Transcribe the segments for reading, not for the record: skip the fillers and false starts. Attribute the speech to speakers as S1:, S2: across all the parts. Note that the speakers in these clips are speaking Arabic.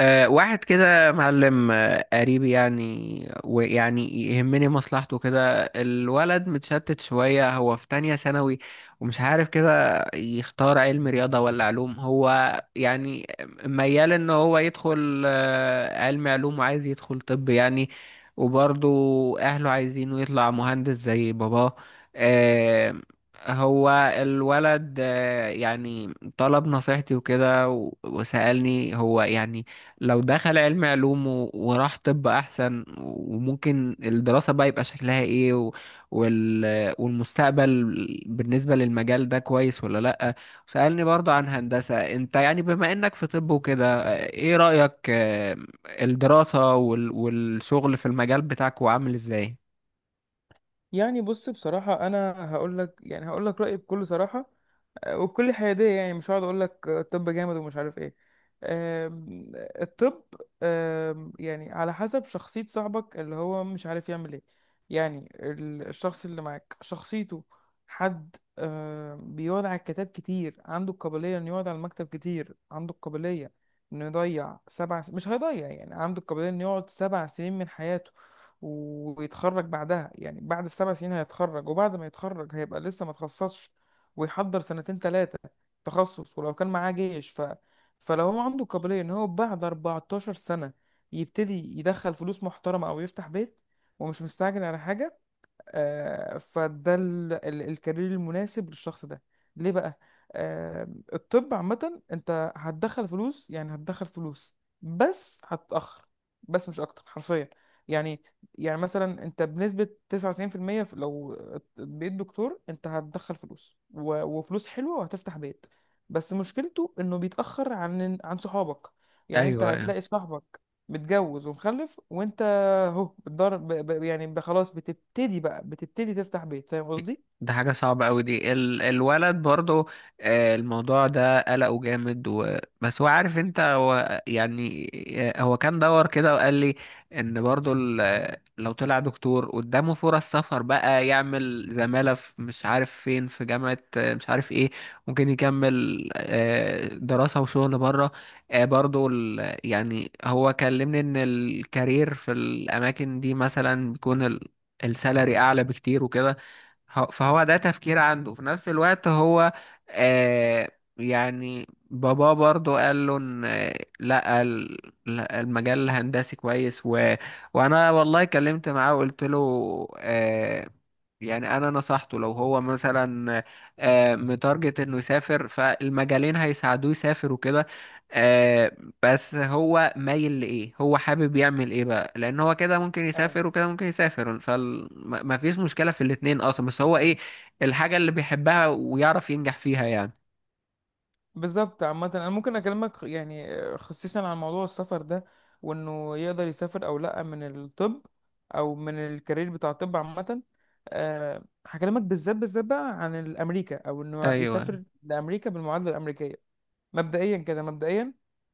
S1: واحد كده معلم قريبي يعني يهمني مصلحته كده. الولد متشتت شوية، هو في تانية ثانوي ومش عارف كده يختار علم رياضة ولا علوم. هو يعني ميال ان هو يدخل علم علوم وعايز يدخل طب يعني. وبرضه اهله عايزينه يطلع مهندس زي باباه. أه هو الولد يعني طلب نصيحتي وكده وسألني هو يعني لو دخل علم علوم وراح طب احسن، وممكن الدراسة بقى يبقى شكلها ايه والمستقبل بالنسبة للمجال ده كويس ولا لأ. سألني برضو عن هندسة، انت يعني بما انك في طب وكده ايه رأيك، الدراسة والشغل في المجال بتاعك وعامل ازاي؟
S2: يعني بص بصراحة أنا هقول لك رأيي بكل صراحة وبكل حيادية. يعني مش هقعد اقول لك الطب جامد ومش عارف ايه. الطب يعني على حسب شخصية صاحبك اللي هو مش عارف يعمل ايه. يعني الشخص اللي معاك شخصيته حد بيقعد على الكتاب كتير، عنده القابلية انه يقعد على المكتب كتير، عنده القابلية انه مش هيضيع. يعني عنده القابلية انه يقعد سبع سنين من حياته ويتخرج بعدها. يعني بعد السبع سنين هيتخرج، وبعد ما يتخرج هيبقى لسه ما تخصصش ويحضر سنتين ثلاثة تخصص. ولو كان معاه جيش فلو هو عنده قابلية ان هو بعد 14 سنة يبتدي يدخل فلوس محترمة او يفتح بيت ومش مستعجل على حاجة، فده الكارير المناسب للشخص ده ليه بقى. آه، الطب عامة انت هتدخل فلوس، يعني هتدخل فلوس بس هتتأخر، بس مش اكتر حرفيا. يعني يعني مثلا انت بنسبة 99% المية لو بقيت دكتور انت هتدخل فلوس وفلوس حلوة وهتفتح بيت. بس مشكلته انه بيتأخر عن صحابك. يعني انت
S1: ايوه، أيوة.
S2: هتلاقي صاحبك متجوز ومخلف، وانت اهو بتضرب ب- ب- يعني ب- خلاص بتبتدي تفتح بيت. فاهم قصدي؟
S1: ده حاجة صعبة أوي دي. الولد برضو، الموضوع ده قلقه جامد، بس هو عارف انت هو يعني. هو كان دور كده وقال لي ان برضو لو طلع دكتور قدامه فرص سفر بقى، يعمل زمالة في مش عارف فين، في جامعة مش عارف ايه. ممكن يكمل دراسة وشغل بره. برضو يعني هو كلمني ان الكارير في الأماكن دي مثلا بيكون السالري أعلى بكتير وكده. فهو ده تفكير عنده في نفس الوقت هو. آه يعني بابا برضو قال له ان لا لا، المجال الهندسي كويس. وانا والله كلمت معاه وقلت له، آه، يعني انا نصحته لو هو مثلا، متارجت انه يسافر، فالمجالين هيساعدوه يسافر وكده. آه، بس هو مايل لايه؟ هو حابب يعمل ايه بقى؟ لان هو كده ممكن
S2: اه،
S1: يسافر وكده ممكن يسافر، فما فيش مشكلة في الاتنين اصلا. بس هو ايه الحاجة اللي بيحبها ويعرف ينجح فيها يعني.
S2: بالظبط. عامة انا ممكن اكلمك يعني خصيصا عن موضوع السفر ده وانه يقدر يسافر او لا من الطب او من الكارير بتاع الطب عامة. هكلمك بالذات بالذات بقى عن الامريكا او انه
S1: ايوه.
S2: يسافر لامريكا بالمعادلة الامريكية. مبدئيا كده، مبدئيا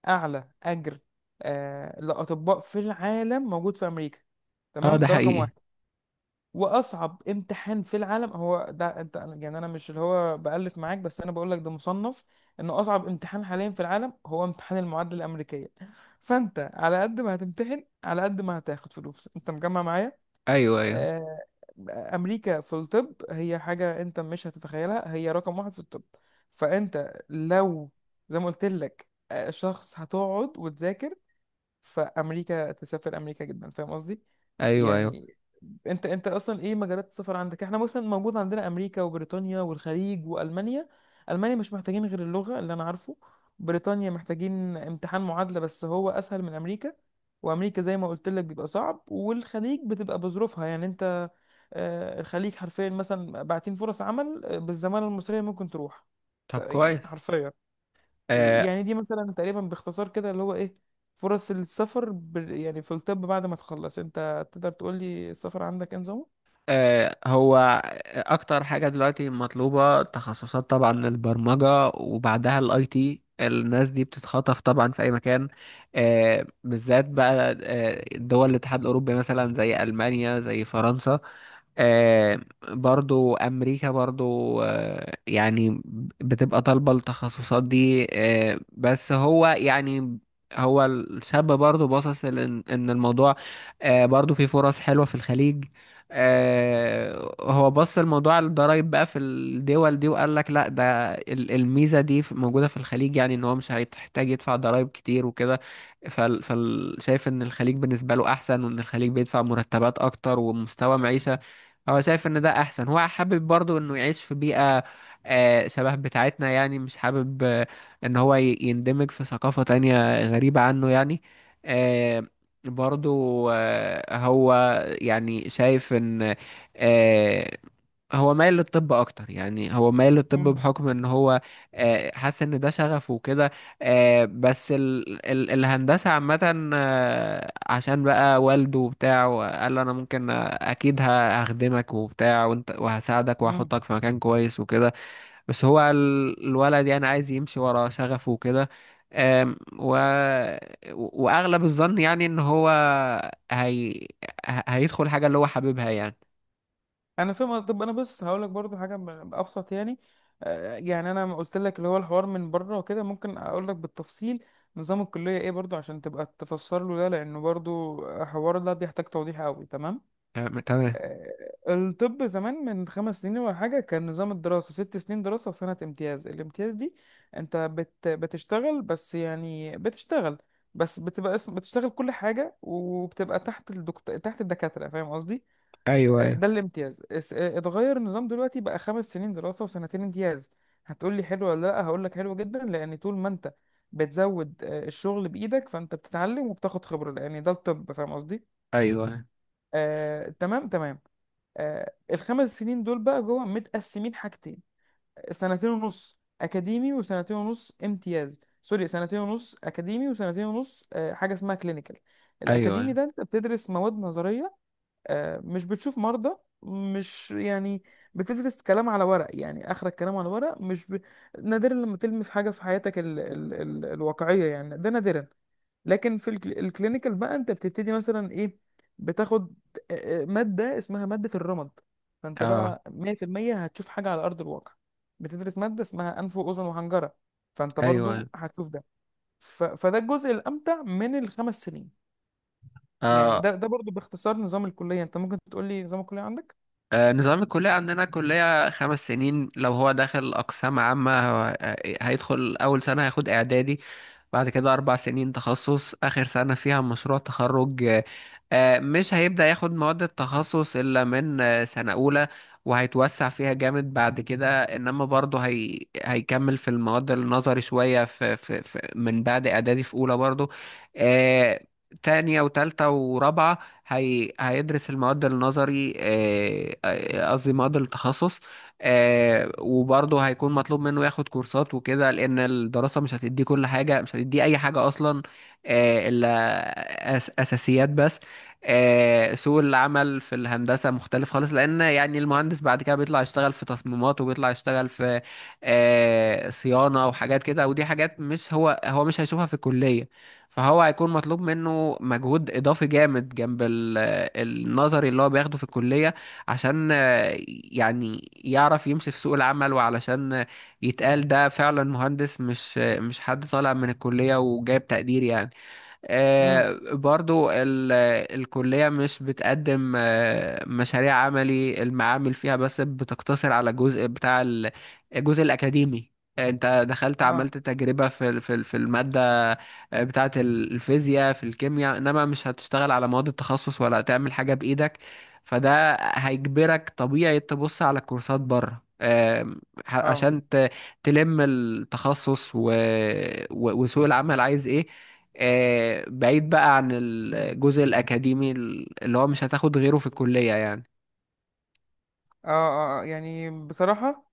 S2: اعلى اجر لاطباء في العالم موجود في امريكا،
S1: اه
S2: تمام.
S1: ده
S2: ده رقم
S1: حقيقي.
S2: واحد. واصعب امتحان في العالم هو ده. انت يعني انا مش اللي هو بالف معاك، بس انا بقول لك ده مصنف انه اصعب امتحان حاليا في العالم هو امتحان المعادله الامريكيه. فانت على قد ما هتمتحن على قد ما هتاخد فلوس. انت مجمع معايا؟
S1: ايوه، ايوه.
S2: آه، امريكا في الطب هي حاجه انت مش هتتخيلها، هي رقم واحد في الطب. فانت لو زي ما قلت لك شخص هتقعد وتذاكر، فامريكا تسافر امريكا جدا. فاهم قصدي؟
S1: ايوه، ايوه.
S2: يعني انت اصلا ايه مجالات السفر عندك؟ احنا مثلا موجود عندنا امريكا وبريطانيا والخليج والمانيا. المانيا مش محتاجين غير اللغه اللي انا عارفه. بريطانيا محتاجين امتحان معادله بس هو اسهل من امريكا. وامريكا زي ما قلت لك بيبقى صعب، والخليج بتبقى بظروفها يعني انت. الخليج حرفيا مثلا باعتين فرص عمل بالزماله المصريه ممكن تروح.
S1: طب
S2: يعني
S1: كويس.
S2: حرفيا.
S1: آه،
S2: يعني دي مثلا تقريبا باختصار كده اللي هو ايه فرص السفر يعني في الطب بعد ما تخلص. انت تقدر تقول لي السفر عندك ايه نظامه؟
S1: هو اكتر حاجه دلوقتي مطلوبه تخصصات طبعا البرمجه، وبعدها الاي تي. الناس دي بتتخطف طبعا في اي مكان، بالذات بقى دول الاتحاد الاوروبي مثلا، زي المانيا زي فرنسا. آه، برضو امريكا برضو، يعني بتبقى طالبه التخصصات دي. بس هو يعني، هو الشاب برضو باصص لان إن الموضوع، برضو في فرص حلوه في الخليج. هو بص الموضوع على الضرايب بقى في الدول دي، وقال لك لا ده الميزة دي موجودة في الخليج، يعني ان هو مش هيحتاج يدفع ضرايب كتير وكده. شايف ان الخليج بالنسبة له احسن، وان الخليج بيدفع مرتبات اكتر ومستوى معيشة. هو شايف ان ده احسن. هو حابب برضو انه يعيش في بيئة شبه بتاعتنا يعني. مش حابب ان هو يندمج في ثقافة تانية غريبة عنه يعني. آه، برضو هو يعني شايف ان، آه، هو مايل للطب اكتر. يعني هو مايل للطب
S2: مم.
S1: بحكم ان هو حاسس ان ده شغفه وكده. بس ال ال الهندسة عامة، عشان بقى والده وبتاع وقال له انا ممكن اكيد هخدمك وبتاع وانت، وهساعدك
S2: مم.
S1: وهحطك في مكان كويس وكده. بس هو الولد يعني عايز يمشي ورا شغفه وكده. أم، و... واغلب الظن يعني ان هو هي... هيدخل حاجه اللي هو حاببها يعني.
S2: انا فاهم. طب انا بص هقول لك برضو حاجه ابسط يعني. يعني انا قلت لك اللي هو الحوار من بره وكده، ممكن اقول لك بالتفصيل نظام الكليه ايه برضو عشان تبقى تفسر له ده، لانه برضو حوار ده بيحتاج توضيح قوي. تمام.
S1: تمام، تمام.
S2: آه، الطب زمان من خمس سنين ولا حاجة كان نظام الدراسة ست سنين دراسة وسنة امتياز. الامتياز دي انت بتشتغل، بس يعني بتشتغل بس بتبقى اسم، بتشتغل كل حاجة وبتبقى تحت الدكتور، تحت الدكاترة. فاهم قصدي؟
S1: ايوه، ايوه.
S2: ده الامتياز. اتغير النظام دلوقتي بقى خمس سنين دراسة وسنتين امتياز. هتقولي حلو ولا لا؟ هقولك حلو جدا، لأن طول ما انت بتزود الشغل بإيدك فانت بتتعلم وبتاخد خبرة، لأن ده الطب. فاهم قصدي؟
S1: ايوه،
S2: تمام تمام. الخمس سنين دول بقى جوه متقسمين حاجتين: سنتين ونص اكاديمي وسنتين ونص امتياز. سوري، سنتين ونص اكاديمي وسنتين ونص حاجه اسمها كلينيكال. الاكاديمي
S1: ايوه.
S2: ده انت بتدرس مواد نظريه، مش بتشوف مرضى. مش يعني، بتدرس كلام على ورق، يعني اخرك كلام على ورق. مش ب... نادرا لما تلمس حاجه في حياتك الواقعيه، يعني ده نادرا. لكن في الكلينيكال بقى انت بتبتدي مثلا ايه؟ بتاخد ماده اسمها ماده الرمد، فانت
S1: اه.
S2: بقى 100% هتشوف حاجه على ارض الواقع. بتدرس ماده اسمها انف واذن وحنجره، فانت
S1: ايوه.
S2: برضو هتشوف ده. فده الجزء الامتع من الخمس سنين. يعني
S1: اه.
S2: ده برضو باختصار نظام الكلية. انت ممكن تقول لي نظام الكلية عندك؟
S1: نظام الكلية عندنا كلية 5 سنين. لو هو داخل أقسام عامة، هيدخل أول سنة هياخد إعدادي، بعد كده 4 سنين تخصص، آخر سنة فيها مشروع تخرج. مش هيبدأ ياخد مواد التخصص إلا من سنة أولى، وهيتوسع فيها جامد بعد كده. إنما برضه هيكمل في المواد النظري شوية من بعد إعدادي، في أولى برضه، آه، تانية وتالتة ورابعة. هيدرس المواد النظري، قصدي مواد التخصص. وبرضه هيكون مطلوب منه ياخد كورسات وكده، لأن الدراسة مش هتديه كل حاجة، مش هتديه أي حاجة أصلا، إلا أساسيات بس. سوق العمل في الهندسة مختلف خالص، لأن يعني المهندس بعد كده بيطلع يشتغل في تصميمات، وبيطلع يشتغل في صيانة وحاجات كده، ودي حاجات مش هو هو مش هيشوفها في الكلية. فهو هيكون مطلوب منه مجهود إضافي جامد جنب النظري اللي هو بياخده في الكلية، عشان يعني يعرف يمشي في سوق العمل، وعلشان يتقال ده فعلا مهندس، مش حد طالع من الكلية وجايب تقدير يعني.
S2: امم.
S1: برضو الكلية مش بتقدم مشاريع عملي. المعامل فيها بس بتقتصر على الجزء بتاع الجزء الأكاديمي. انت دخلت
S2: اه.
S1: عملت تجربة في المادة بتاعة الفيزياء في الكيمياء، انما مش هتشتغل على مواد التخصص ولا هتعمل حاجة بإيدك. فده هيجبرك طبيعي تبص على الكورسات بره،
S2: اه.
S1: عشان تلم التخصص وسوق العمل عايز ايه. بعيد بقى عن الجزء الأكاديمي اللي هو مش هتاخد غيره في الكلية يعني.
S2: اه. اه. يعني بصراحة،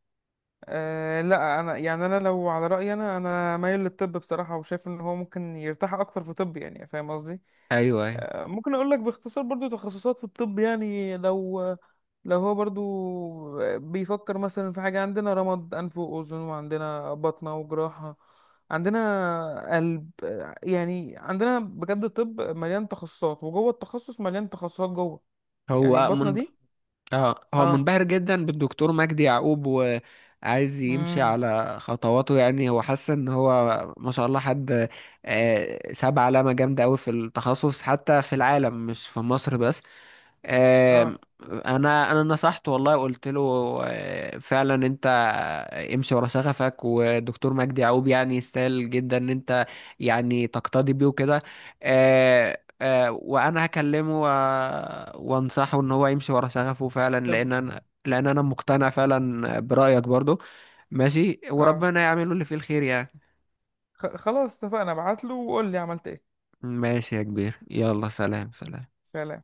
S2: لا، انا يعني، انا لو على رأيي انا مايل للطب بصراحة، وشايف ان هو ممكن يرتاح اكتر في طب يعني. فاهم قصدي؟
S1: ايوه، ايوه.
S2: ممكن اقول لك باختصار برضو تخصصات في الطب يعني. لو هو برضو بيفكر مثلا في حاجة، عندنا رمد، أنف وأذن، وعندنا بطنة وجراحة، عندنا قلب. يعني عندنا بجد الطب مليان تخصصات، وجوه التخصص مليان تخصصات جوه. يعني
S1: هو
S2: البطنة
S1: من...
S2: دي.
S1: هو
S2: اه.
S1: منبهر جدا بالدكتور مجدي يعقوب، وعايز يمشي
S2: امم.
S1: على خطواته. يعني هو حاسس ان هو ما شاء الله حد ساب علامة جامدة قوي في التخصص، حتى في العالم مش في مصر بس. آم،
S2: اه.
S1: انا نصحته والله، قلت له فعلا انت امشي ورا شغفك، ودكتور مجدي يعقوب يعني يستاهل جدا ان انت يعني تقتدي بيه وكده. وانا هكلمه وانصحه ان هو يمشي ورا شغفه فعلا،
S2: طب.
S1: لان انا مقتنع فعلا برأيك برضو. ماشي،
S2: اه.
S1: وربنا يعمله اللي فيه الخير يعني.
S2: خلاص اتفقنا، ابعت له وقول لي عملت ايه.
S1: ماشي يا كبير، يلا سلام، سلام.
S2: سلام.